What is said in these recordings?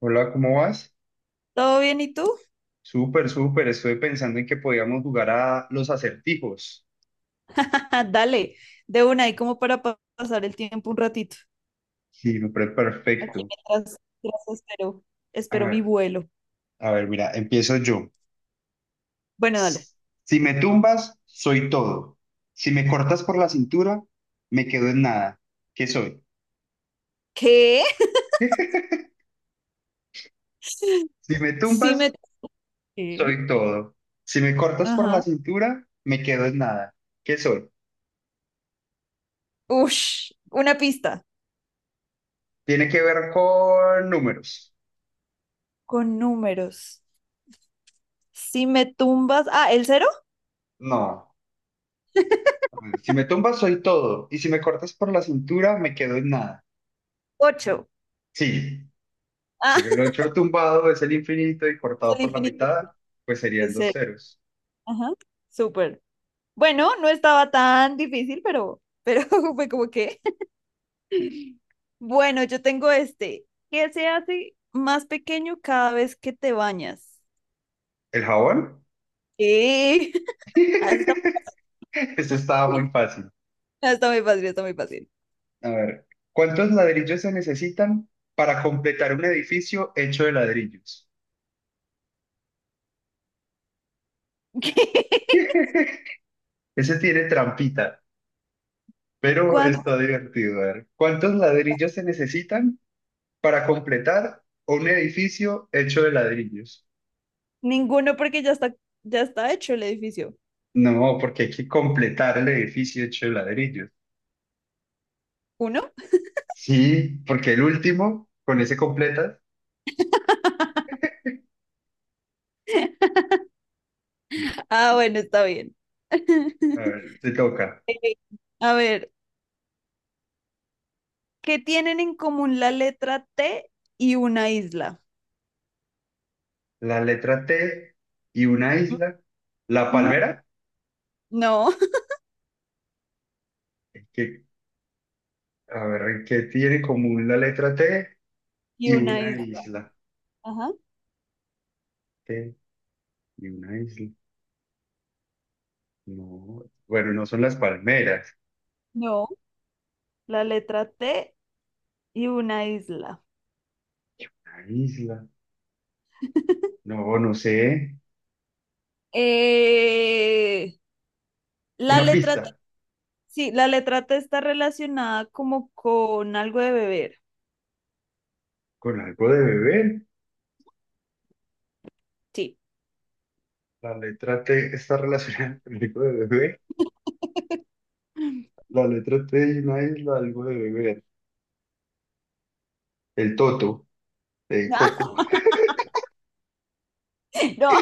Hola, ¿cómo vas? ¿Todo bien y tú? Súper, súper. Estuve pensando en que podíamos jugar a los acertijos. Dale, de una ahí como para pasar el tiempo un ratito. Sí, me parece Aquí perfecto. mientras, mientras espero, A espero mi ver, vuelo. a ver, mira, empiezo yo. Bueno, dale. Si me tumbas, soy todo. Si me cortas por la cintura, me quedo en nada. ¿Qué soy? ¿Qué? Si me Sí tumbas, me... ¿Qué? soy todo. Si me cortas por la Ajá. cintura, me quedo en nada. ¿Qué soy? Ush, una pista Tiene que ver con números. con números. Si me tumbas... Ah, ¿el cero? No. A ver, si me tumbas, soy todo. Y si me cortas por la cintura, me quedo en nada. Ocho. Sí, Ah, el 8 tumbado es el infinito y es cortado el por la infinito. mitad, pues serían Es dos el. ceros. Ajá. Súper. Bueno, no estaba tan difícil, pero fue como que... Bueno, yo tengo este. ¿Qué se hace más pequeño cada vez que te bañas? ¿El jabón? ¿Qué? Ah, está, Eso estaba muy fácil. ah, está muy fácil, está muy fácil. A ver, ¿cuántos ladrillos se necesitan para completar un edificio hecho de ladrillos? ¿Qué? Ese tiene trampita, pero ¿Cuándo? está divertido. A ver, ¿cuántos ladrillos se necesitan para completar un edificio hecho de ladrillos? Ninguno, porque ya está hecho el edificio. No, porque hay que completar el edificio hecho de ladrillos. ¿Uno? Sí, porque el último, con ese completas, Ah, bueno, está bien. a ver, te toca Eh, A ver, ¿qué tienen en común la letra T y una isla? la letra T y una isla. La Ujú. palmera, No, es que, a ver, ¿qué tiene en común la letra T y y una una isla. isla? Ajá. T y una isla. No, bueno, no son las palmeras, No, la letra T y una isla. la isla. No, no sé. Eh, la Una letra, pista, T- sí, la letra T está relacionada como con algo de beber. con algo de bebé. Sí. La letra T está relacionada con algo de bebé. La letra T y una isla, algo de bebé. El toto, de No, coco. no,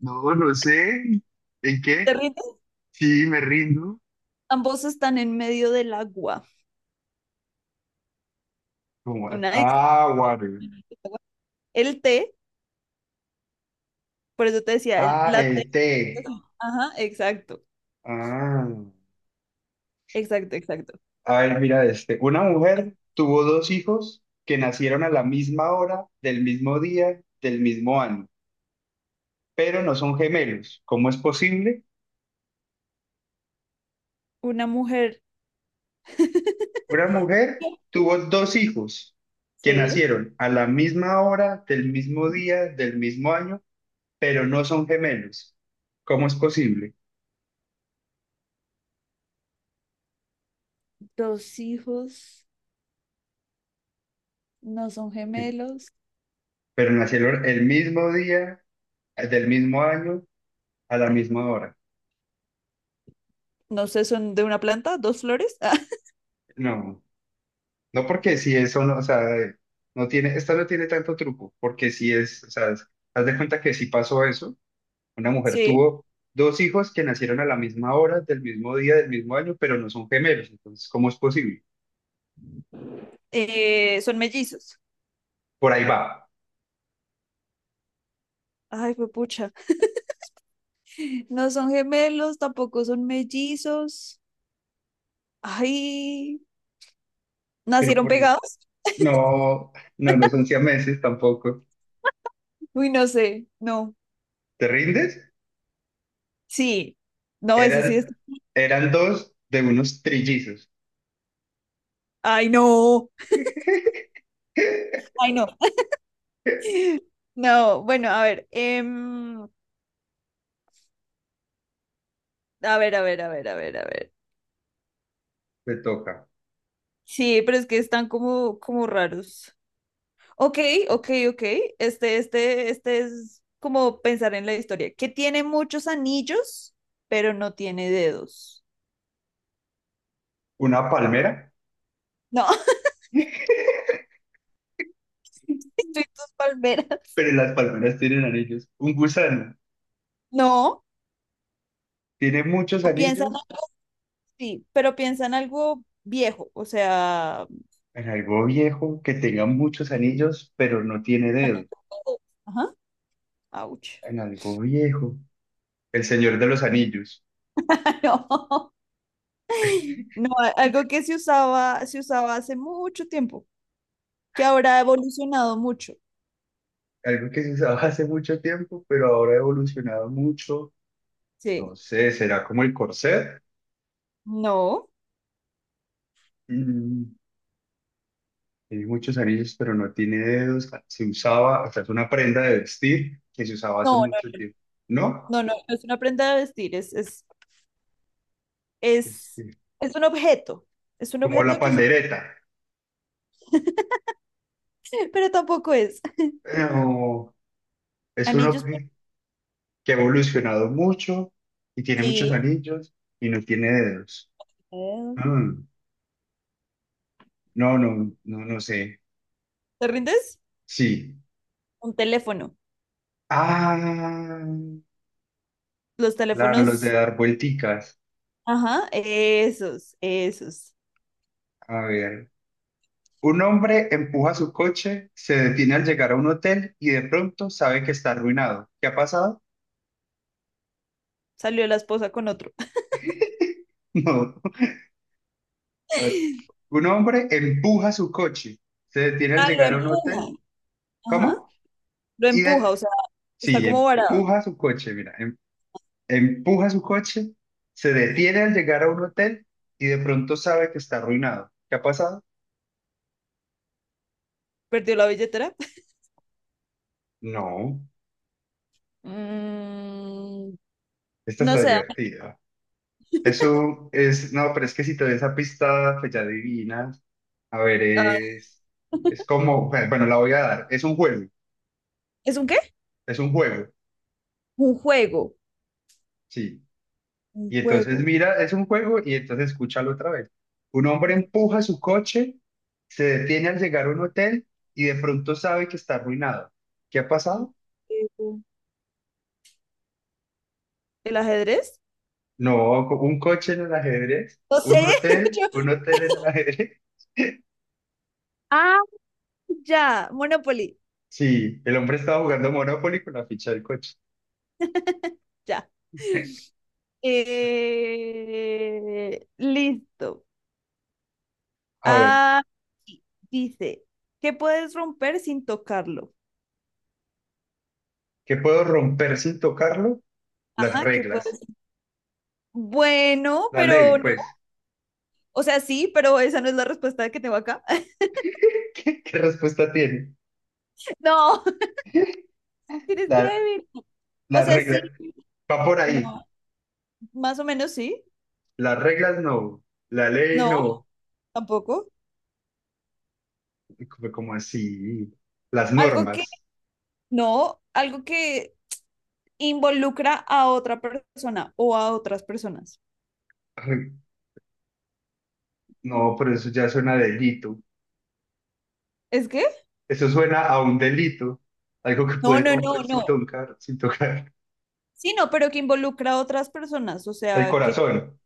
No, no sé. ¿En qué? ¿te rindes? Sí, me rindo. Ambos están en medio del agua. ¿Cómo es? Una isla. Ah, water. El té, por eso te decía, Ah, la el T. té. Ajá, exacto, Ah. exacto, exacto. A ver, mira este. Una mujer tuvo dos hijos que nacieron a la misma hora, del mismo día, del mismo año, pero no son gemelos. ¿Cómo es posible? Una mujer. Una mujer tuvo dos hijos que Sí. nacieron a la misma hora, del mismo día, del mismo año, pero no son gemelos. ¿Cómo es posible? Dos hijos, no son gemelos. Pero nacieron el mismo día, del mismo año, a la misma hora. No sé, son de una planta, dos flores. No, no porque si eso no, o sea, no tiene, esta no tiene tanto truco, porque si es, o sea, haz de cuenta que si pasó eso, una mujer Sí. tuvo dos hijos que nacieron a la misma hora, del mismo día, del mismo año, pero no son gemelos, entonces, ¿cómo es posible? Son mellizos. Por ahí va, Ay, fue pucha. No son gemelos, tampoco son mellizos. Ay, pero ¿nacieron por ahí, pegados? no, no, no son siameses tampoco. Uy, no sé. No. ¿Te rindes? Sí. No, ese sí es. Eran, eran dos de unos trillizos. Ay, no. Ay, no. No, bueno, a ver. A ver, a ver, a ver, a ver, a ver. Te toca. Sí, pero es que están como, como raros. Ok, ok, ok. Este es como pensar en la historia. Que tiene muchos anillos, pero no tiene dedos. Una palmera, No. Y tus palmeras. pero las palmeras tienen anillos. Un gusano No, tiene muchos o piensan anillos así, pero piensan algo viejo, o sea, en algo viejo, que tenga muchos anillos, pero no tiene dedo. ajá, ouch. En algo viejo. El Señor de los Anillos. No, no, algo que se usaba hace mucho tiempo, que ahora ha evolucionado mucho. Algo que se usaba hace mucho tiempo, pero ahora ha evolucionado mucho. No Sí. sé, será como el corset. No, Mm, tiene muchos anillos, pero no tiene dedos. Se usaba, o sea, es una prenda de vestir que se usaba hace no, mucho tiempo. ¿No? No es una prenda de vestir, Es, es, es un objeto. Es un como la objeto que se... pandereta. pero tampoco es. No. Es un Anillos, objeto que ha evolucionado mucho y tiene muchos sí. anillos y no tiene dedos. Eh, Mm, no, no, no, no sé. ¿te rindes? Sí. Un teléfono. Ah, Los claro, los de teléfonos dar vuelticas. ajá, esos, esos. A ver. Un hombre empuja su coche, se detiene al llegar a un hotel y de pronto sabe que está arruinado. ¿Qué ha pasado? Salió la esposa con otro. No. A ver. Un hombre empuja su coche, se detiene al Ah, lo llegar a un hotel. empuja. Ajá, ¿Cómo? lo Y empuja, de... o sea, está Sí, como varado. empuja su coche, mira, empuja su coche, se detiene al llegar a un hotel y de pronto sabe que está arruinado. ¿Qué ha pasado? Perdió la billetera. No, Mm, esta no está sé. divertida. Eso es, no, pero es que si te doy esa pista, pues ya adivinas. A ver, Ah, es como, bueno, bueno, la voy a dar. ¿Es un qué? Es un juego, Un juego. sí. Un Y entonces juego. mira, es un juego y entonces escúchalo otra vez. Un hombre Ok, empuja su coche, se detiene al llegar a un hotel y de pronto sabe que está arruinado. ¿Qué ha un pasado? juego. ¿El ajedrez? No, un coche en el ajedrez, No sé. Yo- un hotel en el ajedrez. Ah, ya, Monopoly, Sí, el hombre estaba jugando Monopoly con la ficha del coche. ya. Listo. A ver, Ah, sí, dice, ¿qué puedes romper sin tocarlo? ¿qué puedo romper sin tocarlo? Las Ah, que reglas, puedes. Bueno, la pero ley, no. pues. O sea, sí, pero esa no es la respuesta que tengo acá. ¿Qué respuesta tiene? No, eres La, débil. O las sea, sí, reglas, va por ahí. no, más o menos sí. Las reglas no, la ley No, no. tampoco. Como así? Las Algo que normas. no, algo que involucra a otra persona o a otras personas. Ay, no, pero eso ya suena a delito. ¿Es que? Eso suena a un delito, algo que No, puede no, no, romper sin no. tocar, sin tocar. Sí, no, pero que involucra a otras personas. O El sea, que corazón.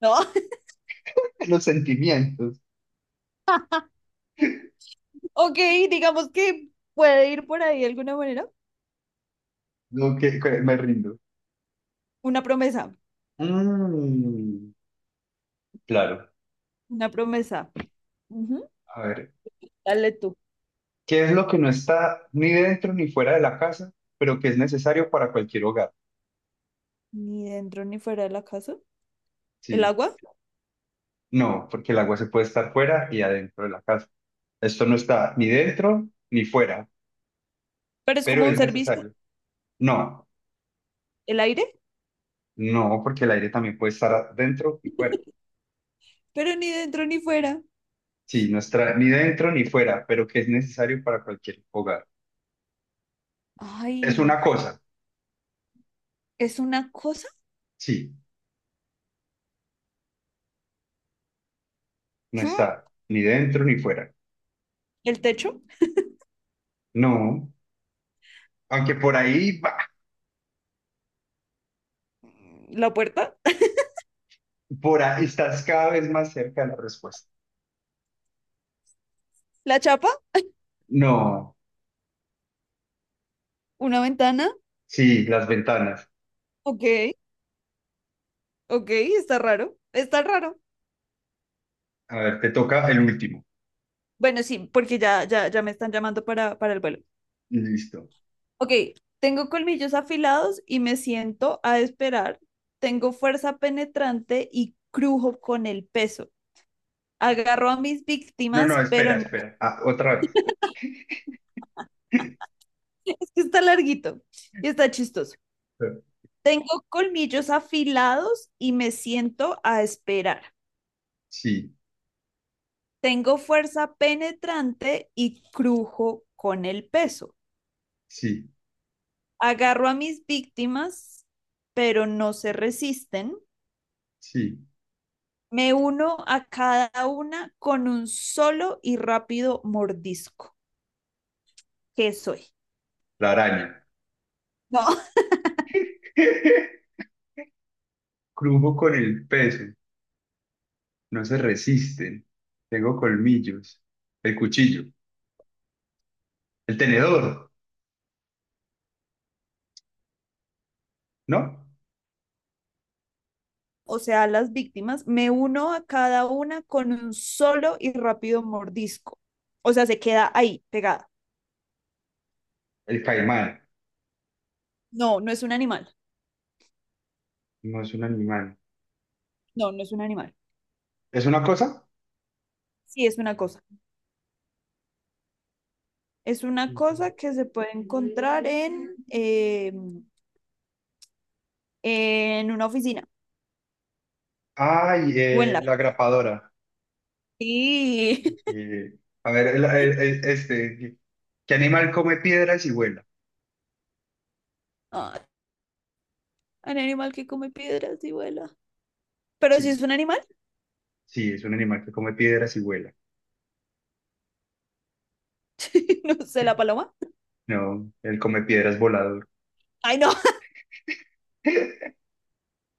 no. Los sentimientos. Ok, digamos que puede ir por ahí de alguna manera. Lo que me rindo. Una promesa, Mm, claro. una promesa. Ujú, A ver, dale tú. ¿qué es lo que no está ni dentro ni fuera de la casa, pero que es necesario para cualquier hogar? Ni dentro ni fuera de la casa. ¿El Sí. agua? No, porque el agua se puede estar fuera y adentro de la casa. Esto no está ni dentro ni fuera, Pero es pero como un es servicio. necesario. No, ¿El aire? no, porque el aire también puede estar dentro y fuera. Pero ni dentro ni fuera. Sí, no está ni dentro ni fuera, pero que es necesario para cualquier hogar. Es Ay, una cosa. ¿es una cosa? Sí. No Mm, está ni dentro ni fuera. ¿el techo? No. Aunque por ahí, va, Mm, ¿la puerta? por ahí estás cada vez más cerca de la respuesta. ¿La chapa? No. ¿Una ventana? Sí, las ventanas. Ok, ok, está raro. Está raro. A ver, te toca el último. Bueno, sí, porque ya, ya, ya me están llamando para el vuelo. Listo. Ok, tengo colmillos afilados y me siento a esperar. Tengo fuerza penetrante y crujo con el peso. Agarro a mis No, no, víctimas, pero espera, espera. Ah, otra vez. es que está larguito y está chistoso. Tengo colmillos afilados y me siento a esperar. Sí, Tengo fuerza penetrante y crujo con el peso. sí, Agarro a mis víctimas, pero no se resisten. sí. Me uno a cada una con un solo y rápido mordisco. ¿Qué soy? La araña. No, Crujo con el peso. No se resisten. Tengo colmillos. El cuchillo. El tenedor. ¿No? o sea, las víctimas, me uno a cada una con un solo y rápido mordisco. O sea, se queda ahí, pegada. El caimán. No, no es un animal. No es un animal. No, no es un animal. ¿Es una cosa? Sí, es una cosa. Es una cosa que se puede encontrar en una oficina Ay, o en la... la grapadora. Sí. Eh, a ver, este, ¿qué animal come piedras y vuela? Ah, un animal que come piedras y vuela. Pero si Sí, es un animal, sí, es un animal que come piedras y vuela. no sé, la paloma. No, él come piedras volador. Ay, no.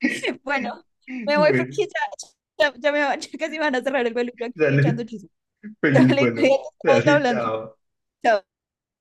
Bueno, me voy porque Bueno, ya, ya, ya casi me van a cerrar el peluche aquí echando dale, chisme. feliz, Dale, bueno, cuídate, estamos dale, hablando. chao. Chao.